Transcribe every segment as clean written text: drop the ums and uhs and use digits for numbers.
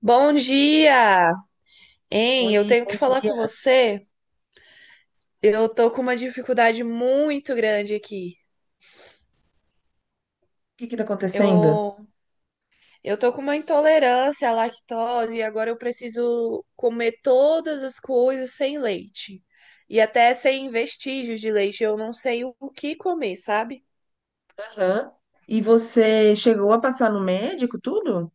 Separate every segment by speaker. Speaker 1: Bom dia! Hein, eu
Speaker 2: Oi,
Speaker 1: tenho que
Speaker 2: bom
Speaker 1: falar com
Speaker 2: dia.
Speaker 1: você. Eu tô com uma dificuldade muito grande aqui.
Speaker 2: O que que tá acontecendo?
Speaker 1: Eu, eu tô com uma intolerância à lactose e agora eu preciso comer todas as coisas sem leite. E até sem vestígios de leite. Eu não sei o que comer, sabe?
Speaker 2: Aham. E você chegou a passar no médico tudo?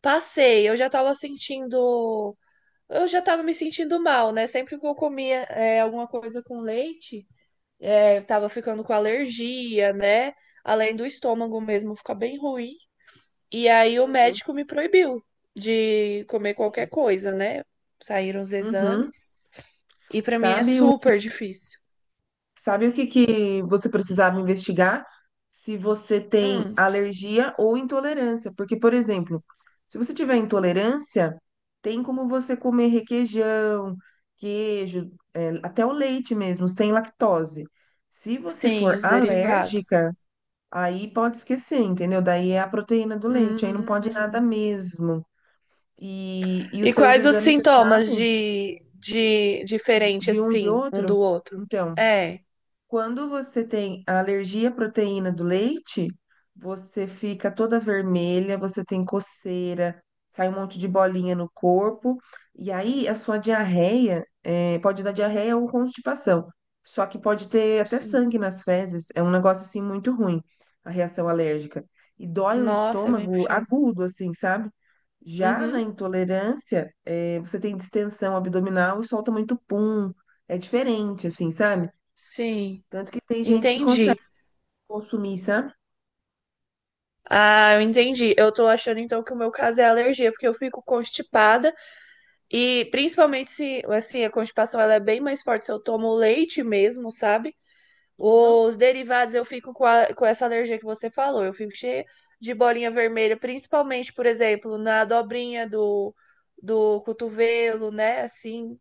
Speaker 1: Passei, eu já tava sentindo. Eu já tava me sentindo mal, né? Sempre que eu comia, alguma coisa com leite. É, eu tava ficando com alergia, né? Além do estômago mesmo ficar bem ruim. E aí o
Speaker 2: Entendi.
Speaker 1: médico me proibiu de comer qualquer
Speaker 2: Entendi.
Speaker 1: coisa, né? Saíram os
Speaker 2: Uhum.
Speaker 1: exames. E pra mim é
Speaker 2: Sabe o que,
Speaker 1: super difícil.
Speaker 2: sabe o que que você precisava investigar? Se você tem
Speaker 1: Hum,
Speaker 2: alergia ou intolerância. Porque, por exemplo, se você tiver intolerância, tem como você comer requeijão, queijo, até o leite mesmo, sem lactose. Se você
Speaker 1: sim,
Speaker 2: for
Speaker 1: os derivados.
Speaker 2: alérgica, aí pode esquecer, entendeu? Daí é a proteína do leite, aí não pode nada
Speaker 1: Hum.
Speaker 2: mesmo. E os
Speaker 1: E
Speaker 2: seus
Speaker 1: quais os
Speaker 2: exames, você
Speaker 1: sintomas
Speaker 2: sabe?
Speaker 1: de diferente,
Speaker 2: De um e de
Speaker 1: assim, um
Speaker 2: outro?
Speaker 1: do outro?
Speaker 2: Então.
Speaker 1: É,
Speaker 2: Quando você tem a alergia à proteína do leite, você fica toda vermelha, você tem coceira, sai um monte de bolinha no corpo, e aí a sua diarreia, pode dar diarreia ou constipação, só que pode ter até
Speaker 1: sim.
Speaker 2: sangue nas fezes, é um negócio assim muito ruim, a reação alérgica. E dói o
Speaker 1: Nossa, é bem
Speaker 2: estômago
Speaker 1: puxado.
Speaker 2: agudo, assim, sabe? Já na
Speaker 1: Uhum,
Speaker 2: intolerância, você tem distensão abdominal e solta muito pum, é diferente, assim, sabe?
Speaker 1: sim,
Speaker 2: Tanto que tem gente que consegue
Speaker 1: entendi.
Speaker 2: consumir, sabe?
Speaker 1: Ah, eu entendi. Eu tô achando então que o meu caso é alergia, porque eu fico constipada e principalmente se, assim, a constipação ela é bem mais forte se eu tomo leite mesmo, sabe?
Speaker 2: Uhum.
Speaker 1: Os derivados eu fico com, a- com essa alergia que você falou. Eu fico cheia de bolinha vermelha, principalmente, por exemplo, na dobrinha do cotovelo, né? Assim,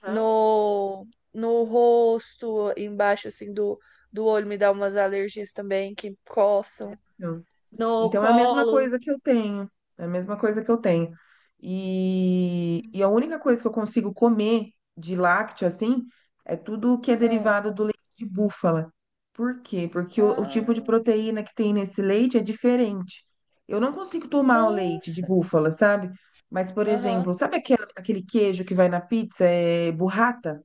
Speaker 2: Tá.
Speaker 1: no, no rosto, embaixo, assim, do olho me dá umas alergias também que coçam.
Speaker 2: Então,
Speaker 1: No
Speaker 2: então é a mesma
Speaker 1: colo.
Speaker 2: coisa que eu tenho. É a mesma coisa que eu tenho. E a única coisa que eu consigo comer de lácteo, assim, é tudo que é
Speaker 1: Ah,
Speaker 2: derivado do leite de búfala. Por quê? Porque o tipo de
Speaker 1: ah,
Speaker 2: proteína que tem nesse leite é diferente. Eu não consigo tomar o leite de
Speaker 1: nossa.
Speaker 2: búfala, sabe? Mas, por
Speaker 1: Aham.
Speaker 2: exemplo, sabe aquele queijo que vai na pizza? É burrata?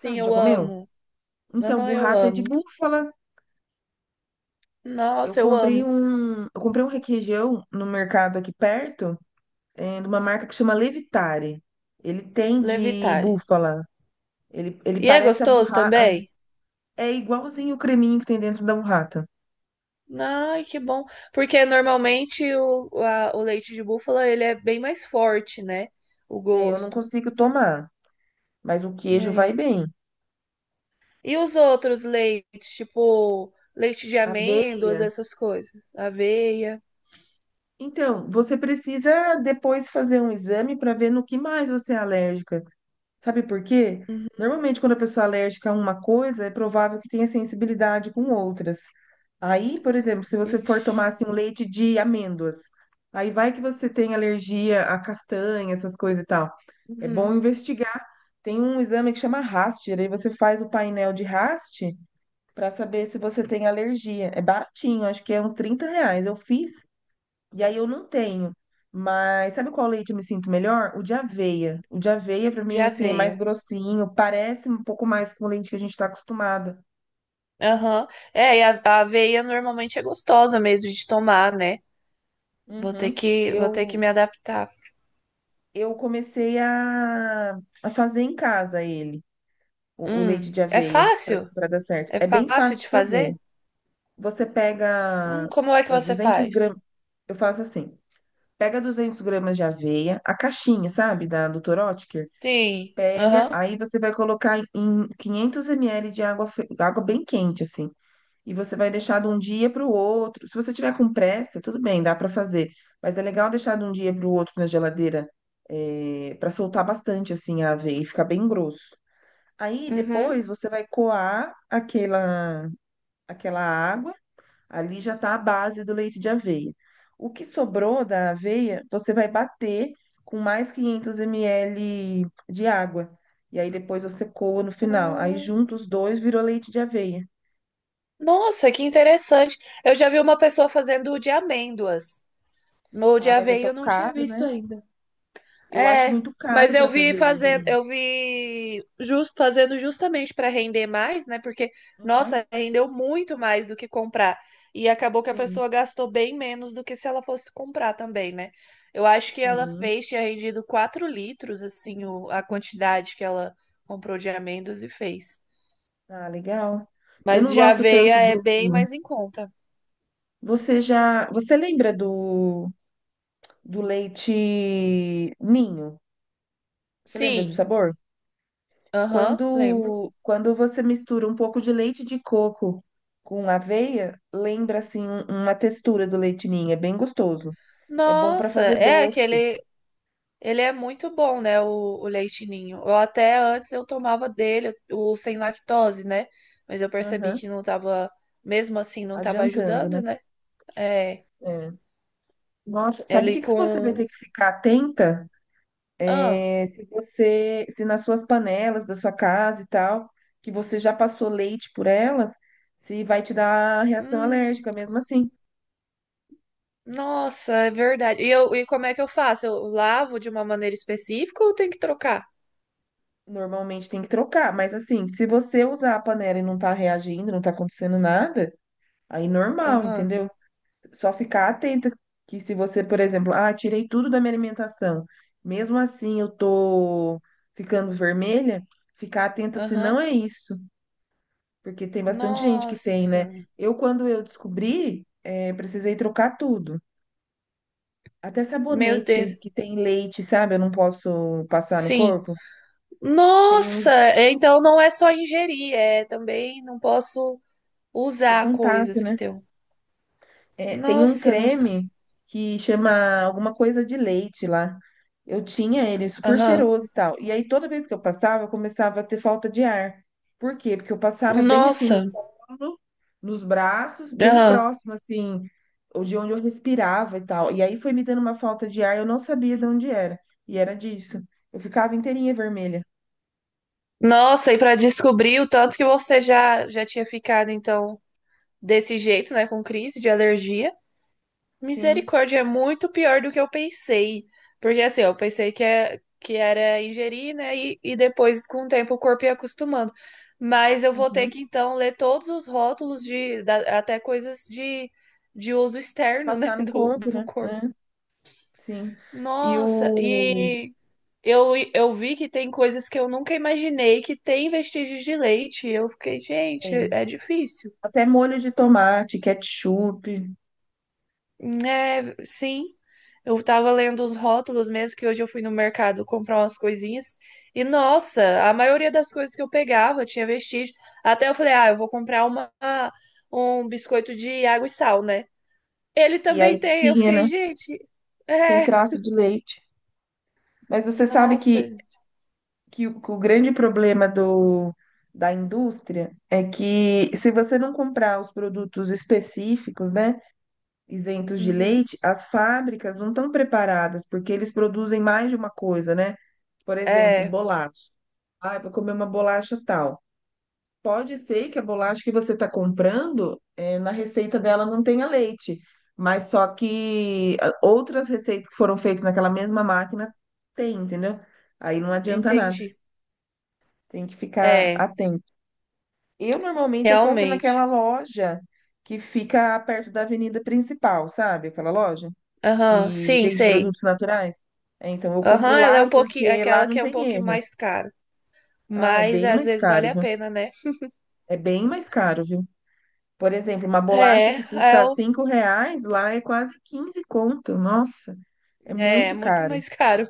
Speaker 1: Sim,
Speaker 2: Já
Speaker 1: eu
Speaker 2: comeu?
Speaker 1: amo.
Speaker 2: Então,
Speaker 1: Aham, eu
Speaker 2: burrata é de
Speaker 1: amo.
Speaker 2: búfala.
Speaker 1: Nossa, eu amo.
Speaker 2: Eu comprei um requeijão no mercado aqui perto, de uma marca que chama Levitare. Ele tem de
Speaker 1: Levitari.
Speaker 2: búfala. Ele
Speaker 1: E é
Speaker 2: parece a
Speaker 1: gostoso
Speaker 2: burrata.
Speaker 1: também?
Speaker 2: É igualzinho o creminho que tem dentro da burrata.
Speaker 1: Ai, que bom. Porque normalmente a- o leite de búfala ele é bem mais forte, né? O
Speaker 2: É, eu não
Speaker 1: gosto.
Speaker 2: consigo tomar, mas o queijo vai
Speaker 1: Né?
Speaker 2: bem.
Speaker 1: E os outros leites, tipo leite de
Speaker 2: Aveia.
Speaker 1: amêndoas, essas coisas? Aveia.
Speaker 2: Então, você precisa depois fazer um exame para ver no que mais você é alérgica. Sabe por quê?
Speaker 1: Uhum.
Speaker 2: Normalmente, quando a pessoa é alérgica a uma coisa, é provável que tenha sensibilidade com outras. Aí, por exemplo, se você for
Speaker 1: Ixi.
Speaker 2: tomar assim, um leite de amêndoas, aí vai que você tem alergia a castanha, essas coisas e tal. É bom
Speaker 1: Uhum.
Speaker 2: investigar. Tem um exame que chama Rast, aí você faz o painel de Rast para saber se você tem alergia. É baratinho, acho que é uns 30 reais. Eu fiz e aí eu não tenho. Mas sabe qual leite eu me sinto melhor? O de aveia. O de aveia, pra
Speaker 1: De
Speaker 2: mim, assim, é mais
Speaker 1: aveia.
Speaker 2: grossinho, parece um pouco mais com o leite que a gente tá acostumada.
Speaker 1: Aham. É, e a aveia normalmente é gostosa mesmo de tomar, né?
Speaker 2: Uhum.
Speaker 1: Vou ter que
Speaker 2: Eu,
Speaker 1: me adaptar.
Speaker 2: eu comecei a fazer em casa ele, o leite de
Speaker 1: É
Speaker 2: aveia,
Speaker 1: fácil?
Speaker 2: pra dar certo.
Speaker 1: É
Speaker 2: É bem
Speaker 1: fácil
Speaker 2: fácil
Speaker 1: de
Speaker 2: de fazer.
Speaker 1: fazer?
Speaker 2: Você pega
Speaker 1: Como é que você
Speaker 2: 200
Speaker 1: faz?
Speaker 2: gramas, eu faço assim, pega 200 gramas de aveia, a caixinha, sabe, da Dr.
Speaker 1: Sim.
Speaker 2: Pega,
Speaker 1: Aham.
Speaker 2: aí você vai colocar em 500 ml de água, água bem quente, assim. E você vai deixar de um dia para o outro. Se você tiver com pressa, tudo bem, dá para fazer. Mas é legal deixar de um dia para o outro na geladeira, para soltar bastante, assim, a aveia e ficar bem grosso. Aí
Speaker 1: Uhum.
Speaker 2: depois você vai coar aquela água. Ali já está a base do leite de aveia. O que sobrou da aveia, você vai bater com mais 500 ml de água. E aí depois você coa no final. Aí
Speaker 1: Ah,
Speaker 2: junta os dois, virou leite de aveia.
Speaker 1: nossa, que interessante. Eu já vi uma pessoa fazendo o de amêndoas. O de
Speaker 2: Ah, mas é
Speaker 1: aveia
Speaker 2: tão
Speaker 1: eu não tinha
Speaker 2: caro,
Speaker 1: visto
Speaker 2: né?
Speaker 1: ainda.
Speaker 2: Eu acho
Speaker 1: É,
Speaker 2: muito caro
Speaker 1: mas eu
Speaker 2: para
Speaker 1: vi
Speaker 2: fazer,
Speaker 1: fazendo,
Speaker 2: Janine.
Speaker 1: fazendo justamente para render mais, né? Porque,
Speaker 2: Uhum.
Speaker 1: nossa, rendeu muito mais do que comprar. E acabou que a
Speaker 2: Sim,
Speaker 1: pessoa gastou bem menos do que se ela fosse comprar também, né? Eu acho que ela
Speaker 2: sim.
Speaker 1: fez, tinha rendido 4 litros, assim, o- a quantidade que ela comprou de amêndoas e fez.
Speaker 2: Ah, legal. Eu
Speaker 1: Mas
Speaker 2: não
Speaker 1: de
Speaker 2: gosto
Speaker 1: aveia
Speaker 2: tanto
Speaker 1: é
Speaker 2: do.
Speaker 1: bem mais em conta.
Speaker 2: Você já. Você lembra do leite ninho? Você lembra do
Speaker 1: Sim,
Speaker 2: sabor?
Speaker 1: aham, lembro.
Speaker 2: Quando você mistura um pouco de leite de coco com aveia, lembra assim uma textura do leite ninho, é bem gostoso. É bom para
Speaker 1: Nossa,
Speaker 2: fazer
Speaker 1: é
Speaker 2: doce.
Speaker 1: aquele. Ele é muito bom, né, o leite ninho. Eu até antes eu tomava dele, o sem lactose, né? Mas eu percebi
Speaker 2: Aham,
Speaker 1: que não tava, mesmo assim, não tava
Speaker 2: adiantando,
Speaker 1: ajudando,
Speaker 2: né?
Speaker 1: né? É,
Speaker 2: É. Nossa, sabe o
Speaker 1: ele
Speaker 2: que que você vai
Speaker 1: com...
Speaker 2: ter que ficar atenta?
Speaker 1: Ah,
Speaker 2: É, se você, se nas suas panelas da sua casa e tal, que você já passou leite por elas, se vai te dar reação
Speaker 1: hum,
Speaker 2: alérgica mesmo assim.
Speaker 1: nossa, é verdade. E como é que eu faço? Eu lavo de uma maneira específica ou tem que trocar?
Speaker 2: Normalmente tem que trocar, mas assim, se você usar a panela e não tá reagindo, não tá acontecendo nada, aí normal,
Speaker 1: Aham,
Speaker 2: entendeu? Só ficar atenta que se você, por exemplo, ah, tirei tudo da minha alimentação, mesmo assim eu tô ficando vermelha, ficar atenta se não
Speaker 1: aham.
Speaker 2: é isso, porque tem bastante gente que tem, né?
Speaker 1: Nossa,
Speaker 2: Eu, quando eu descobri, precisei trocar tudo. Até
Speaker 1: meu
Speaker 2: sabonete
Speaker 1: Deus.
Speaker 2: que tem leite, sabe? Eu não posso passar no
Speaker 1: Sim.
Speaker 2: corpo. Tem uns,
Speaker 1: Nossa, é, então não é só ingerir, é também não posso
Speaker 2: ter
Speaker 1: usar
Speaker 2: contato,
Speaker 1: coisas que
Speaker 2: né?
Speaker 1: tem.
Speaker 2: É, tem um
Speaker 1: Nossa, não sabe.
Speaker 2: creme que chama alguma coisa de leite lá. Eu tinha ele super
Speaker 1: Aham.
Speaker 2: cheiroso e tal. E aí toda vez que eu passava, eu começava a ter falta de ar. Por quê? Porque eu passava bem assim no
Speaker 1: Nossa.
Speaker 2: colo, nos braços, bem
Speaker 1: Aham.
Speaker 2: próximo assim, de onde eu respirava e tal. E aí foi me dando uma falta de ar, eu não sabia de onde era. E era disso. Eu ficava inteirinha vermelha.
Speaker 1: Nossa, e para descobrir o tanto que você já tinha ficado então desse jeito, né, com crise de alergia.
Speaker 2: Sim.
Speaker 1: Misericórdia, é muito pior do que eu pensei. Porque assim, eu pensei que era ingerir, né, e depois com o tempo o corpo ia acostumando. Mas eu vou ter
Speaker 2: Uhum.
Speaker 1: que então ler todos os rótulos de até coisas de uso
Speaker 2: De
Speaker 1: externo, né,
Speaker 2: passar no corpo,
Speaker 1: do
Speaker 2: né?
Speaker 1: corpo.
Speaker 2: Né? Sim. E
Speaker 1: Nossa,
Speaker 2: o.
Speaker 1: e eu vi que tem coisas que eu nunca imaginei que tem vestígios de leite. Eu fiquei, gente,
Speaker 2: É,
Speaker 1: é difícil.
Speaker 2: até molho de tomate, ketchup,
Speaker 1: É, sim. Eu tava lendo os rótulos mesmo, que hoje eu fui no mercado comprar umas coisinhas. E, nossa, a maioria das coisas que eu pegava tinha vestígio. Até eu falei, ah, eu vou comprar uma, um biscoito de água e sal, né? Ele
Speaker 2: e
Speaker 1: também
Speaker 2: aí
Speaker 1: tem. Eu
Speaker 2: tinha,
Speaker 1: fiquei,
Speaker 2: né?
Speaker 1: gente,
Speaker 2: Tem
Speaker 1: é,
Speaker 2: traço de leite. Mas você sabe
Speaker 1: nossa.
Speaker 2: que que o grande problema do, da indústria é que se você não comprar os produtos específicos, né, isentos de
Speaker 1: Uhum.
Speaker 2: leite, as fábricas não estão preparadas, porque eles produzem mais de uma coisa, né? Por exemplo,
Speaker 1: É,
Speaker 2: bolacha. Ah, eu vou comer uma bolacha tal. Pode ser que a bolacha que você está comprando, na receita dela não tenha leite, mas só que ah, outras receitas que foram feitas naquela mesma máquina tem, entendeu? Aí não adianta nada,
Speaker 1: entendi.
Speaker 2: tem que ficar
Speaker 1: É,
Speaker 2: atento. Eu normalmente eu compro naquela
Speaker 1: realmente.
Speaker 2: loja que fica perto da avenida principal, sabe? Aquela loja
Speaker 1: Aham,
Speaker 2: que
Speaker 1: sim,
Speaker 2: vende
Speaker 1: sei.
Speaker 2: produtos naturais. É, então eu compro
Speaker 1: Aham, ela é
Speaker 2: lá
Speaker 1: um pouquinho,
Speaker 2: porque lá
Speaker 1: aquela que
Speaker 2: não
Speaker 1: é um
Speaker 2: tem
Speaker 1: pouquinho
Speaker 2: erro.
Speaker 1: mais cara.
Speaker 2: Ah, é
Speaker 1: Mas
Speaker 2: bem
Speaker 1: às
Speaker 2: mais
Speaker 1: vezes vale
Speaker 2: caro,
Speaker 1: a
Speaker 2: viu?
Speaker 1: pena, né?
Speaker 2: É bem mais caro, viu? Por exemplo, uma bolacha
Speaker 1: É,
Speaker 2: que
Speaker 1: é,
Speaker 2: custa
Speaker 1: o-
Speaker 2: 5 reais, lá é quase 15 conto. Nossa, é
Speaker 1: é
Speaker 2: muito
Speaker 1: muito
Speaker 2: caro.
Speaker 1: mais caro.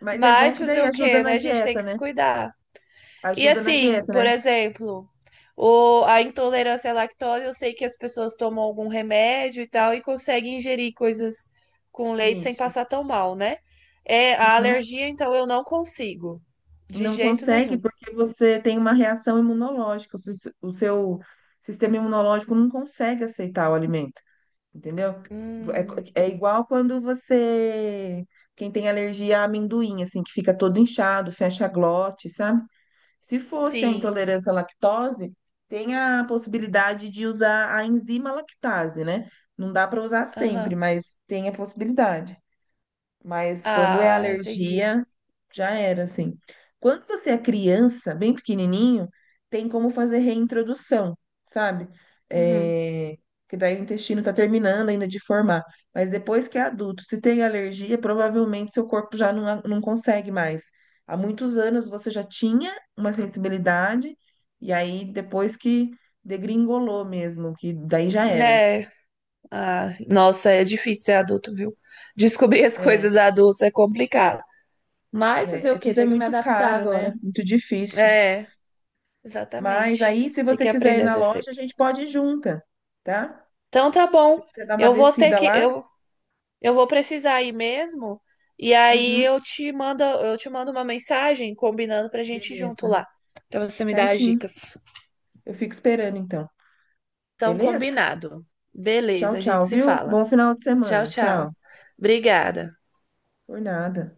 Speaker 2: Mas é bom
Speaker 1: Mas
Speaker 2: que
Speaker 1: fazer
Speaker 2: daí
Speaker 1: o
Speaker 2: ajuda
Speaker 1: quê,
Speaker 2: na
Speaker 1: né? A gente tem
Speaker 2: dieta,
Speaker 1: que se
Speaker 2: né?
Speaker 1: cuidar. E
Speaker 2: Ajuda na
Speaker 1: assim,
Speaker 2: dieta,
Speaker 1: por
Speaker 2: né?
Speaker 1: exemplo, a intolerância à lactose, eu sei que as pessoas tomam algum remédio e tal e conseguem ingerir coisas com leite sem
Speaker 2: Isso.
Speaker 1: passar tão mal, né? É, a
Speaker 2: Uhum.
Speaker 1: alergia, então, eu não consigo. De
Speaker 2: Não
Speaker 1: jeito
Speaker 2: consegue
Speaker 1: nenhum.
Speaker 2: porque você tem uma reação imunológica. O seu sistema imunológico não consegue aceitar o alimento, entendeu? É,
Speaker 1: Hum,
Speaker 2: é igual quando você... Quem tem alergia a amendoim, assim, que fica todo inchado, fecha a glote, sabe? Se fosse a
Speaker 1: sim.
Speaker 2: intolerância à lactose, tem a possibilidade de usar a enzima lactase, né? Não dá para usar sempre,
Speaker 1: Aham.
Speaker 2: mas tem a possibilidade. Mas quando é
Speaker 1: Ah, entendi.
Speaker 2: alergia, já era, assim. Quando você é criança, bem pequenininho, tem como fazer reintrodução, sabe?
Speaker 1: Uhum.
Speaker 2: É, que daí o intestino tá terminando ainda de formar. Mas depois que é adulto, se tem alergia, provavelmente seu corpo já não, não consegue mais. Há muitos anos você já tinha uma sensibilidade, e aí depois que degringolou mesmo, que daí já era.
Speaker 1: É, ah, nossa, é difícil ser adulto, viu? Descobrir as
Speaker 2: É,
Speaker 1: coisas adultas é complicado. Mas fazer
Speaker 2: é-
Speaker 1: o quê?
Speaker 2: tudo é
Speaker 1: Tem que me
Speaker 2: muito
Speaker 1: adaptar
Speaker 2: caro, né?
Speaker 1: agora.
Speaker 2: Muito difícil.
Speaker 1: É,
Speaker 2: Mas
Speaker 1: exatamente.
Speaker 2: aí, se
Speaker 1: Tem
Speaker 2: você
Speaker 1: que
Speaker 2: quiser ir
Speaker 1: aprender as
Speaker 2: na loja, a
Speaker 1: receitas.
Speaker 2: gente pode ir junta, tá?
Speaker 1: Então tá
Speaker 2: Se
Speaker 1: bom.
Speaker 2: você dar uma
Speaker 1: Eu vou ter
Speaker 2: descida
Speaker 1: que
Speaker 2: lá,
Speaker 1: eu vou precisar ir mesmo. E aí
Speaker 2: uhum,
Speaker 1: eu te mando uma mensagem combinando pra gente ir junto
Speaker 2: beleza.
Speaker 1: lá, pra você me dar as
Speaker 2: Certinho.
Speaker 1: dicas.
Speaker 2: Eu fico esperando então.
Speaker 1: Então
Speaker 2: Beleza?
Speaker 1: combinado.
Speaker 2: Tchau,
Speaker 1: Beleza, a gente
Speaker 2: tchau,
Speaker 1: se
Speaker 2: viu?
Speaker 1: fala.
Speaker 2: Bom final de
Speaker 1: Tchau,
Speaker 2: semana. Tchau.
Speaker 1: tchau. Obrigada.
Speaker 2: Por nada.